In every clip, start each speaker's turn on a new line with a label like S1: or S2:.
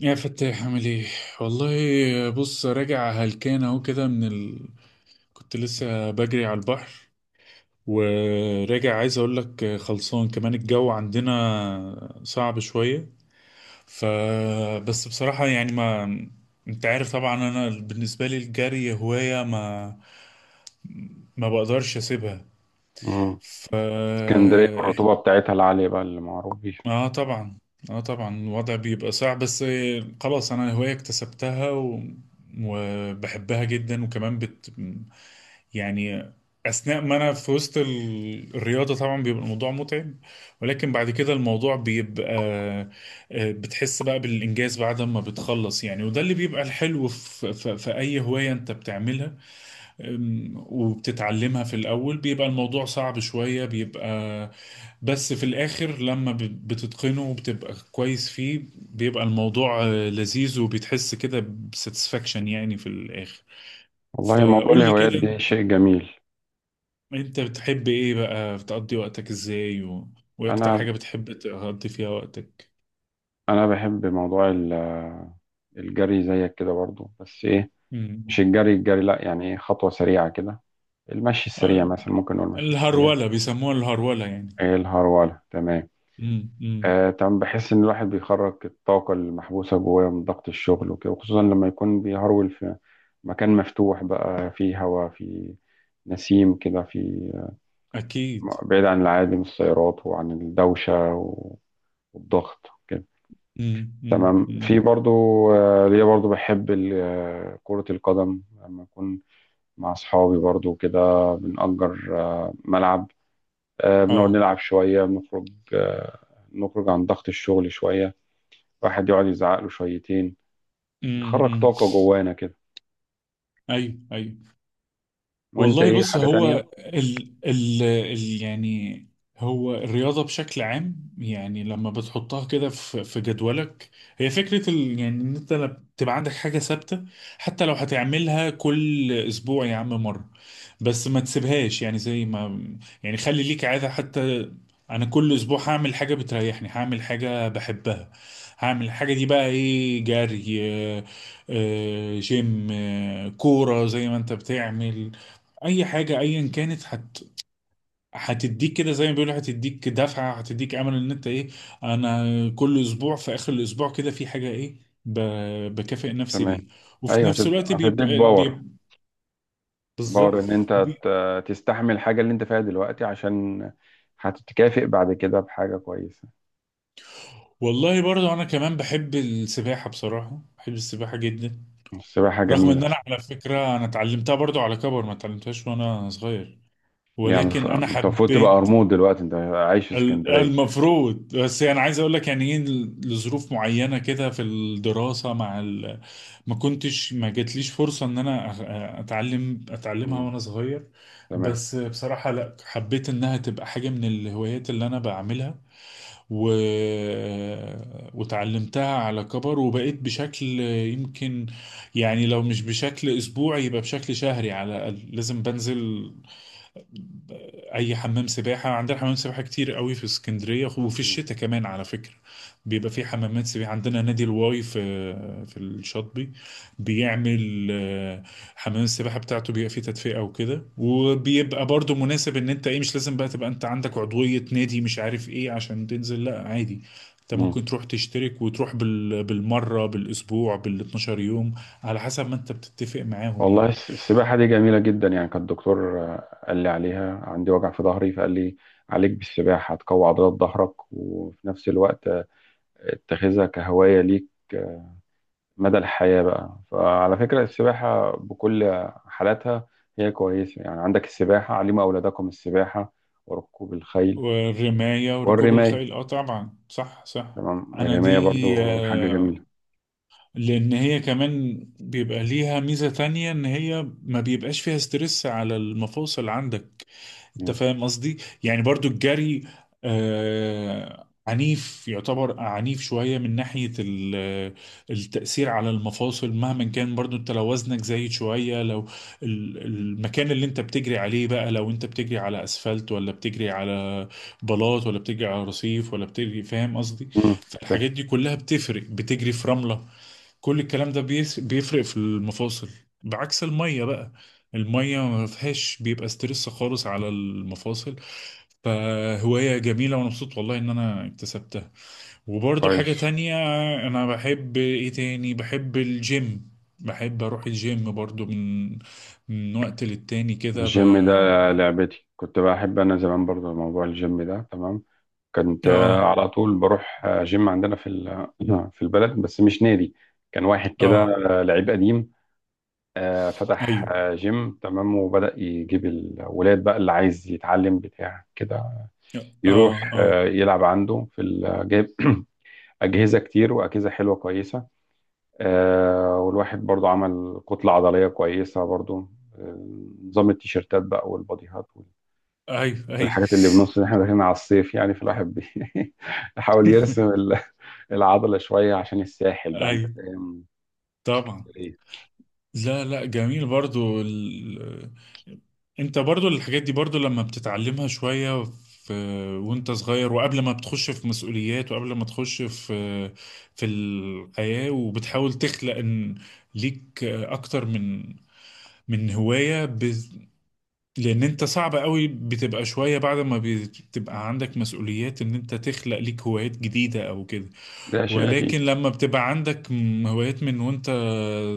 S1: يا فتاح، عامل ايه؟ والله بص، راجع هلكان اهو كده كنت لسه بجري على البحر، وراجع عايز اقول لك خلصان. كمان الجو عندنا صعب شوية. ف بس بصراحة يعني، ما انت عارف طبعا انا بالنسبة لي الجري هواية، ما بقدرش اسيبها.
S2: مم.
S1: ف
S2: اسكندرية والرطوبة بتاعتها العالية بقى اللي معروف بيها.
S1: اه، طبعا. اه، طبعا الوضع بيبقى صعب، بس خلاص انا هواية اكتسبتها وبحبها جدا. وكمان يعني اثناء ما انا في وسط الرياضة طبعا بيبقى الموضوع متعب، ولكن بعد كده الموضوع بيبقى بتحس بقى بالانجاز بعد ما بتخلص يعني. وده اللي بيبقى الحلو في اي هواية انت بتعملها. وبتتعلمها في الأول بيبقى الموضوع صعب شوية، بيبقى بس في الآخر لما بتتقنه وبتبقى كويس فيه، بيبقى الموضوع لذيذ، وبتحس كده بساتسفاكشن يعني في الآخر.
S2: والله، موضوع
S1: فقول لي
S2: الهوايات
S1: كده،
S2: دي شيء جميل.
S1: انت بتحب ايه بقى؟ بتقضي وقتك ازاي وايه اكتر
S2: أنا
S1: حاجة بتحب تقضي فيها وقتك؟
S2: أنا بحب موضوع الجري زيك كده برضو، بس إيه؟ مش
S1: مم.
S2: الجري الجري، لأ، يعني إيه، خطوة سريعة كده، المشي
S1: آه،
S2: السريع مثلا، ممكن نقول المشي السريع.
S1: الهرولة، بيسموها الهرولة يعني.
S2: إيه، الهرولة، تمام.
S1: مم. مم.
S2: آه تمام، بحس إن الواحد بيخرج الطاقة المحبوسة جواه من ضغط الشغل وكده، وخصوصا لما يكون بيهرول في مكان مفتوح بقى، فيه هواء، فيه نسيم كده، فيه
S1: اكيد.
S2: بعيد عن العادي من السيارات وعن الدوشة والضغط كده.
S1: مم. مم.
S2: تمام.
S1: مم.
S2: في برضو ليا برضو بحب كرة القدم لما أكون مع أصحابي برضو كده، بنأجر ملعب، بنقعد
S1: اه.
S2: نلعب شوية، بنخرج، آه، نخرج عن ضغط الشغل شوية، واحد يقعد يزعق له شويتين، نخرج طاقة جوانا كده.
S1: ايوه، ايوه.
S2: وأنت،
S1: والله
S2: إيه
S1: بص،
S2: حاجة
S1: هو
S2: تانية؟
S1: ال يعني هو الرياضة بشكل عام، يعني لما بتحطها كده في جدولك، هي فكرة ال يعني ان انت لما تبقى عندك حاجة ثابتة، حتى لو هتعملها كل اسبوع يا عم مرة، بس ما تسيبهاش. يعني زي ما يعني خلي ليك عادة حتى، انا كل اسبوع هعمل حاجة بتريحني، هعمل حاجة بحبها، هعمل الحاجة دي بقى، ايه؟ جري، جيم، كورة زي ما انت بتعمل، اي حاجه ايا كانت هتديك كده، زي ما بيقولوا، هتديك دفعه، هتديك امل ان انت ايه، انا كل اسبوع في اخر الاسبوع كده في حاجه ايه، ب... بكافئ نفسي
S2: تمام.
S1: بيه. وفي
S2: أيوه،
S1: نفس الوقت
S2: هتديك
S1: بيبقى
S2: باور،
S1: بيبقى بالظبط.
S2: باور ان انت
S1: وبي...
S2: تستحمل الحاجة اللي انت فيها دلوقتي، عشان هتتكافئ بعد كده بحاجة كويسة.
S1: والله برضو انا كمان بحب السباحه، بصراحه بحب السباحه جدا.
S2: السباحة
S1: رغم
S2: جميلة.
S1: ان انا على فكره انا اتعلمتها برضو على كبر، ما اتعلمتهاش وانا صغير،
S2: ليه يا عم؟
S1: ولكن انا
S2: انت المفروض تبقى
S1: حبيت.
S2: قرموط دلوقتي، انت عايش في اسكندرية.
S1: المفروض، بس يعني عايز اقول لك يعني ايه، لظروف معينه كده في الدراسه ما كنتش، ما جاتليش فرصه ان انا اتعلمها
S2: مم.
S1: وانا صغير.
S2: تمام.
S1: بس بصراحه لا، حبيت انها تبقى حاجه من الهوايات اللي انا بعملها. و... وتعلمتها على كبر، وبقيت بشكل يمكن يعني لو مش بشكل اسبوعي يبقى بشكل شهري على الاقل، لازم بنزل اي حمام سباحه. عندنا حمام سباحه كتير قوي في اسكندريه، وفي
S2: مم.
S1: الشتاء كمان على فكره بيبقى في حمامات سباحه. عندنا نادي الواي في الشاطبي، بيعمل حمام السباحه بتاعته بيبقى فيه تدفئه وكده، وبيبقى برضو مناسب ان انت ايه، مش لازم بقى تبقى انت عندك عضويه نادي مش عارف ايه عشان تنزل، لا عادي. انت
S2: مم.
S1: ممكن تروح تشترك، وتروح بالمره، بالاسبوع، بال 12 يوم، على حسب ما انت بتتفق معاهم
S2: والله
S1: يعني.
S2: السباحة دي جميلة جدا، يعني كان الدكتور قال لي عليها، عندي وجع في ظهري فقال لي عليك بالسباحة، هتقوي عضلات ظهرك، وفي نفس الوقت اتخذها كهواية ليك مدى الحياة بقى. فعلى فكرة، السباحة بكل حالاتها هي كويسة، يعني عندك السباحة، علموا أولادكم السباحة وركوب الخيل
S1: والرماية وركوب
S2: والرماية.
S1: الخيل، اه طبعا. صح، صح.
S2: تمام،
S1: انا
S2: الرماية
S1: دي
S2: برضو حاجة جميلة.
S1: آه، لان هي كمان بيبقى ليها ميزة تانية، ان هي ما بيبقاش فيها ستريس على المفاصل عندك. انت
S2: مم.
S1: فاهم قصدي؟ يعني برضو الجري آه عنيف، يعتبر عنيف شوية من ناحية التأثير على المفاصل مهما كان، برضو انت لو وزنك زايد شوية، لو المكان اللي انت بتجري عليه بقى، لو انت بتجري على اسفلت، ولا بتجري على بلاط، ولا بتجري على رصيف، ولا بتجري، فاهم قصدي؟
S2: مم. فاهم.
S1: فالحاجات دي كلها بتفرق، بتجري في رملة، كل الكلام ده بيفرق في المفاصل. بعكس المية بقى، المية ما فيهاش بيبقى ستريس خالص على المفاصل. فهواية جميلة، وأنا مبسوط والله إن أنا اكتسبتها. وبرضو
S2: كويس.
S1: حاجة تانية، أنا بحب إيه تاني؟ بحب الجيم. بحب أروح الجيم برضو من وقت للتاني كده
S2: الجيم ده لعبتي، كنت بحب أنا زمان برضو موضوع الجيم ده، تمام. كنت
S1: آه،
S2: على طول بروح جيم عندنا في في البلد، بس مش نادي، كان واحد كده
S1: آه،
S2: لعيب قديم فتح
S1: أيوه،
S2: جيم، تمام، وبدأ يجيب الولاد بقى اللي عايز يتعلم بتاع كده، يروح
S1: آه، آه،
S2: يلعب عنده في جايب أجهزة كتير وأجهزة حلوة كويسة. والواحد برضو عمل كتلة عضلية كويسة برضو. آه، نظام التيشيرتات بقى والباديهات،
S1: أيوه، أيوه.
S2: والحاجات اللي بنص إن احنا داخلين على الصيف، يعني فالواحد يحاول يرسم العضلة شوية عشان الساحل بقى، انت
S1: أيوه،
S2: فاهم؟
S1: طبعا.
S2: إيه؟
S1: لا، لا، جميل برضو انت برضو الحاجات دي، برضو لما بتتعلمها شوية في... وانت صغير، وقبل ما بتخش في مسؤوليات، وقبل ما تخش في الحياة، وبتحاول تخلق ان ليك اكتر من هواية، لان انت صعب قوي، بتبقى شوية بعد ما بتبقى عندك مسؤوليات ان انت تخلق ليك هوايات جديدة او كده.
S2: ده شيء
S1: ولكن
S2: اكيد.
S1: لما بتبقى عندك هوايات من وانت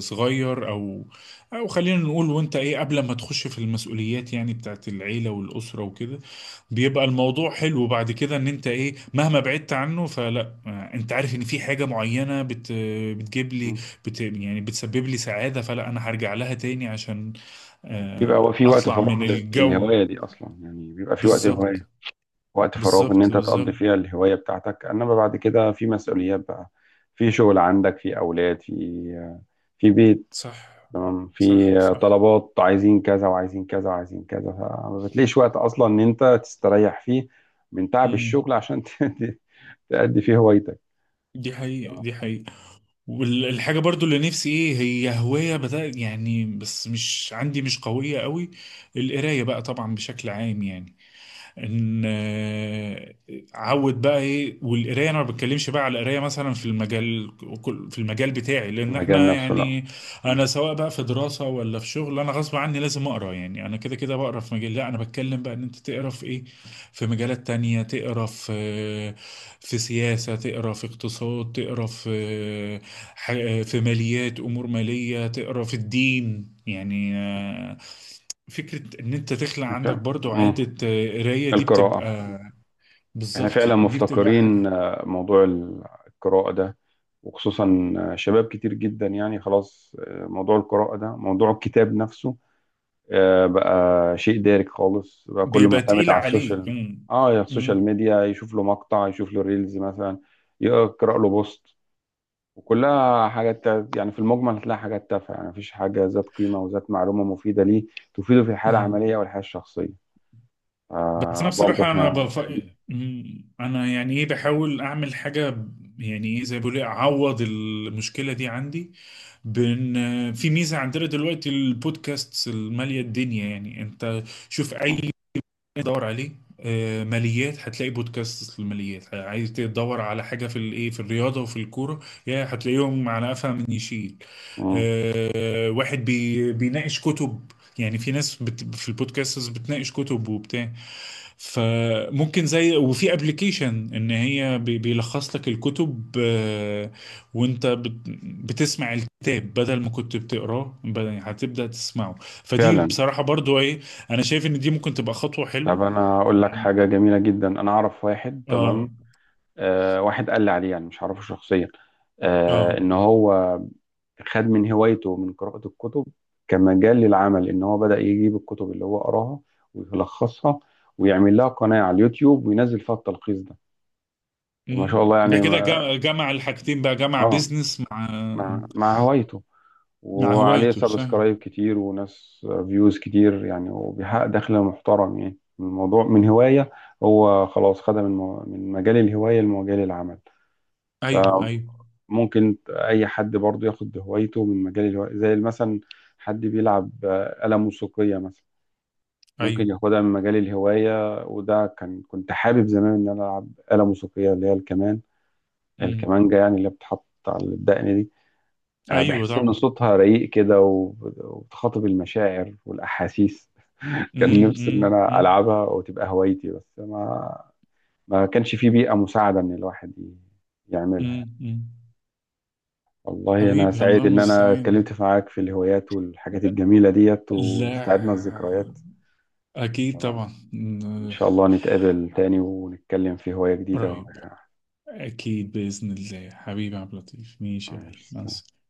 S1: صغير، او خلينا نقول وانت ايه قبل ما تخش في المسؤوليات يعني بتاعت العيلة والأسرة وكده، بيبقى الموضوع حلو بعد كده، ان انت ايه مهما بعدت عنه، فلا انت عارف ان في حاجة معينة بتجيب لي، يعني بتسبب لي سعادة، فلا انا هرجع لها تاني عشان
S2: بيبقى هو في وقت
S1: اطلع
S2: فراغ
S1: من الجو.
S2: للهواية دي أصلا، يعني بيبقى في وقت
S1: بالظبط،
S2: هواية، وقت فراغ إن
S1: بالظبط،
S2: أنت تقضي
S1: بالظبط.
S2: فيها الهواية بتاعتك، إنما بعد كده في مسؤوليات بقى، في شغل عندك، في أولاد، في بيت.
S1: صح،
S2: تمام، في
S1: صح، صح.
S2: طلبات عايزين كذا وعايزين كذا وعايزين كذا، فما بتلاقيش وقت أصلا إن أنت تستريح فيه من تعب
S1: امم.
S2: الشغل عشان تأدي فيه هوايتك.
S1: دي حقيقة،
S2: تمام.
S1: دي حقيقة. والحاجة برضو اللي نفسي، ايه هي هواية بدأ يعني، بس مش عندي مش قوية قوي، القراية بقى طبعا بشكل عام يعني، ان عود بقى ايه، والقرايه انا ما بتكلمش بقى على القرايه مثلا في المجال بتاعي لان
S2: المجال
S1: احنا
S2: نفسه، لا.
S1: يعني،
S2: مم.
S1: انا سواء بقى في دراسه ولا في شغل، انا غصب عني لازم اقرا يعني، انا كده كده بقرا في مجال. لا، انا بتكلم بقى ان انت تقرا في ايه؟ في مجالات تانية، تقرا في سياسه، تقرا في اقتصاد، تقرا في في ماليات، امور ماليه، تقرا في الدين يعني فكرة إن أنت تخلق عندك
S2: مش-
S1: برضو
S2: مم.
S1: عادة قراية، دي
S2: القراءة،
S1: بتبقى،
S2: احنا فعلا
S1: بالظبط دي بتبقى حاجة
S2: مفتقرين موضوع القراءة ده، وخصوصا شباب كتير جدا يعني، خلاص موضوع القراءة ده، موضوع الكتاب نفسه بقى شيء دارج خالص بقى، كله
S1: بيبقى
S2: معتمد
S1: تقيل
S2: على
S1: عليك.
S2: السوشيال.
S1: مم.
S2: اه، يا السوشيال
S1: مم.
S2: ميديا، يشوف له مقطع، يشوف له ريلز مثلا، يقرأ له بوست، وكلها حاجات يعني في المجمل هتلاقي حاجات تافهة، يعني مفيش حاجة ذات قيمة وذات معلومة مفيدة ليه، تفيده في الحالة
S1: مم.
S2: العملية والحياة الشخصية.
S1: بس أنا
S2: آه، برضه
S1: بصراحة
S2: احنا بعيدين.
S1: مم. أنا يعني إيه، بحاول أعمل حاجة يعني إيه، زي ما بيقولوا إيه، أعوض المشكلة دي عندي، بإن في ميزة عندنا دلوقتي، البودكاست المالية الدنيا يعني. أنت شوف أي،
S2: مم.
S1: دور عليه ماليات، هتلاقي بودكاست للماليات، عايز تدور على حاجه في الايه، في الرياضه وفي الكوره، يا هتلاقيهم على قفا من يشيل.
S2: مم.
S1: واحد بيناقش كتب، يعني في ناس في البودكاستس بتناقش كتب وبتاع. فممكن زي، وفي ابلكيشن ان هي بيلخص لك الكتب، وانت بت- بتسمع الكتاب بدل ما كنت بتقراه، هتبدأ تسمعه. فدي
S2: فعلا.
S1: بصراحة برضو إيه، انا شايف ان دي ممكن تبقى خطوة
S2: طب
S1: حلوة
S2: انا اقول لك
S1: يعني.
S2: حاجه جميله جدا، انا اعرف واحد. تمام،
S1: اه.
S2: آه، واحد قال لي عليه، يعني مش عارفه شخصيا، آه،
S1: اه.
S2: ان هو خد من هوايته من قراءه الكتب كمجال للعمل، ان هو بدا يجيب الكتب اللي هو قراها ويلخصها، ويعمل لها قناه على اليوتيوب وينزل فيها التلخيص ده، وما
S1: مم.
S2: شاء الله
S1: ده
S2: يعني
S1: كده
S2: ما.
S1: جمع الحاجتين بقى، جمع
S2: اه،
S1: بيزنس مع
S2: مع هوايته،
S1: مع
S2: وعليه
S1: هوايته، صح.
S2: سبسكرايب كتير وناس فيوز كتير يعني، وبيحقق دخل محترم يعني من الموضوع، من هواية. هو خلاص خدها من من مجال الهواية لمجال العمل.
S1: ايوه، ايوه.
S2: فممكن أي حد برضه ياخد هوايته من مجال الهواية، زي مثلا حد بيلعب آلة موسيقية مثلا، ممكن
S1: ايوه.
S2: ياخدها من مجال الهواية، وده كنت حابب زمان إن أنا ألعب آلة موسيقية، اللي هي الكمان،
S1: امم.
S2: الكمانجة يعني، اللي بتحط على الدقن دي.
S1: ايوه،
S2: بحس إن
S1: طبعا.
S2: صوتها رقيق كده، وبتخاطب المشاعر والأحاسيس.
S1: امم،
S2: كان نفسي
S1: امم،
S2: إن أنا
S1: امم،
S2: ألعبها وتبقى هوايتي، بس ما كانش في بيئة مساعدة إن الواحد يعملها يعني.
S1: امم، أمم.
S2: والله أنا
S1: حبيبي، الله
S2: سعيد إن أنا
S1: المستعان.
S2: اتكلمت معاك في الهوايات والحاجات الجميلة ديت، واستعدنا
S1: لا،
S2: الذكريات.
S1: اكيد
S2: تمام،
S1: طبعا.
S2: إن
S1: أمم.
S2: شاء الله نتقابل تاني ونتكلم في هواية جديدة.
S1: قريب، اكيد باذن الله. حبيبي عبد اللطيف، ماشي يا غالي، مع
S2: ماشي.
S1: السلامة.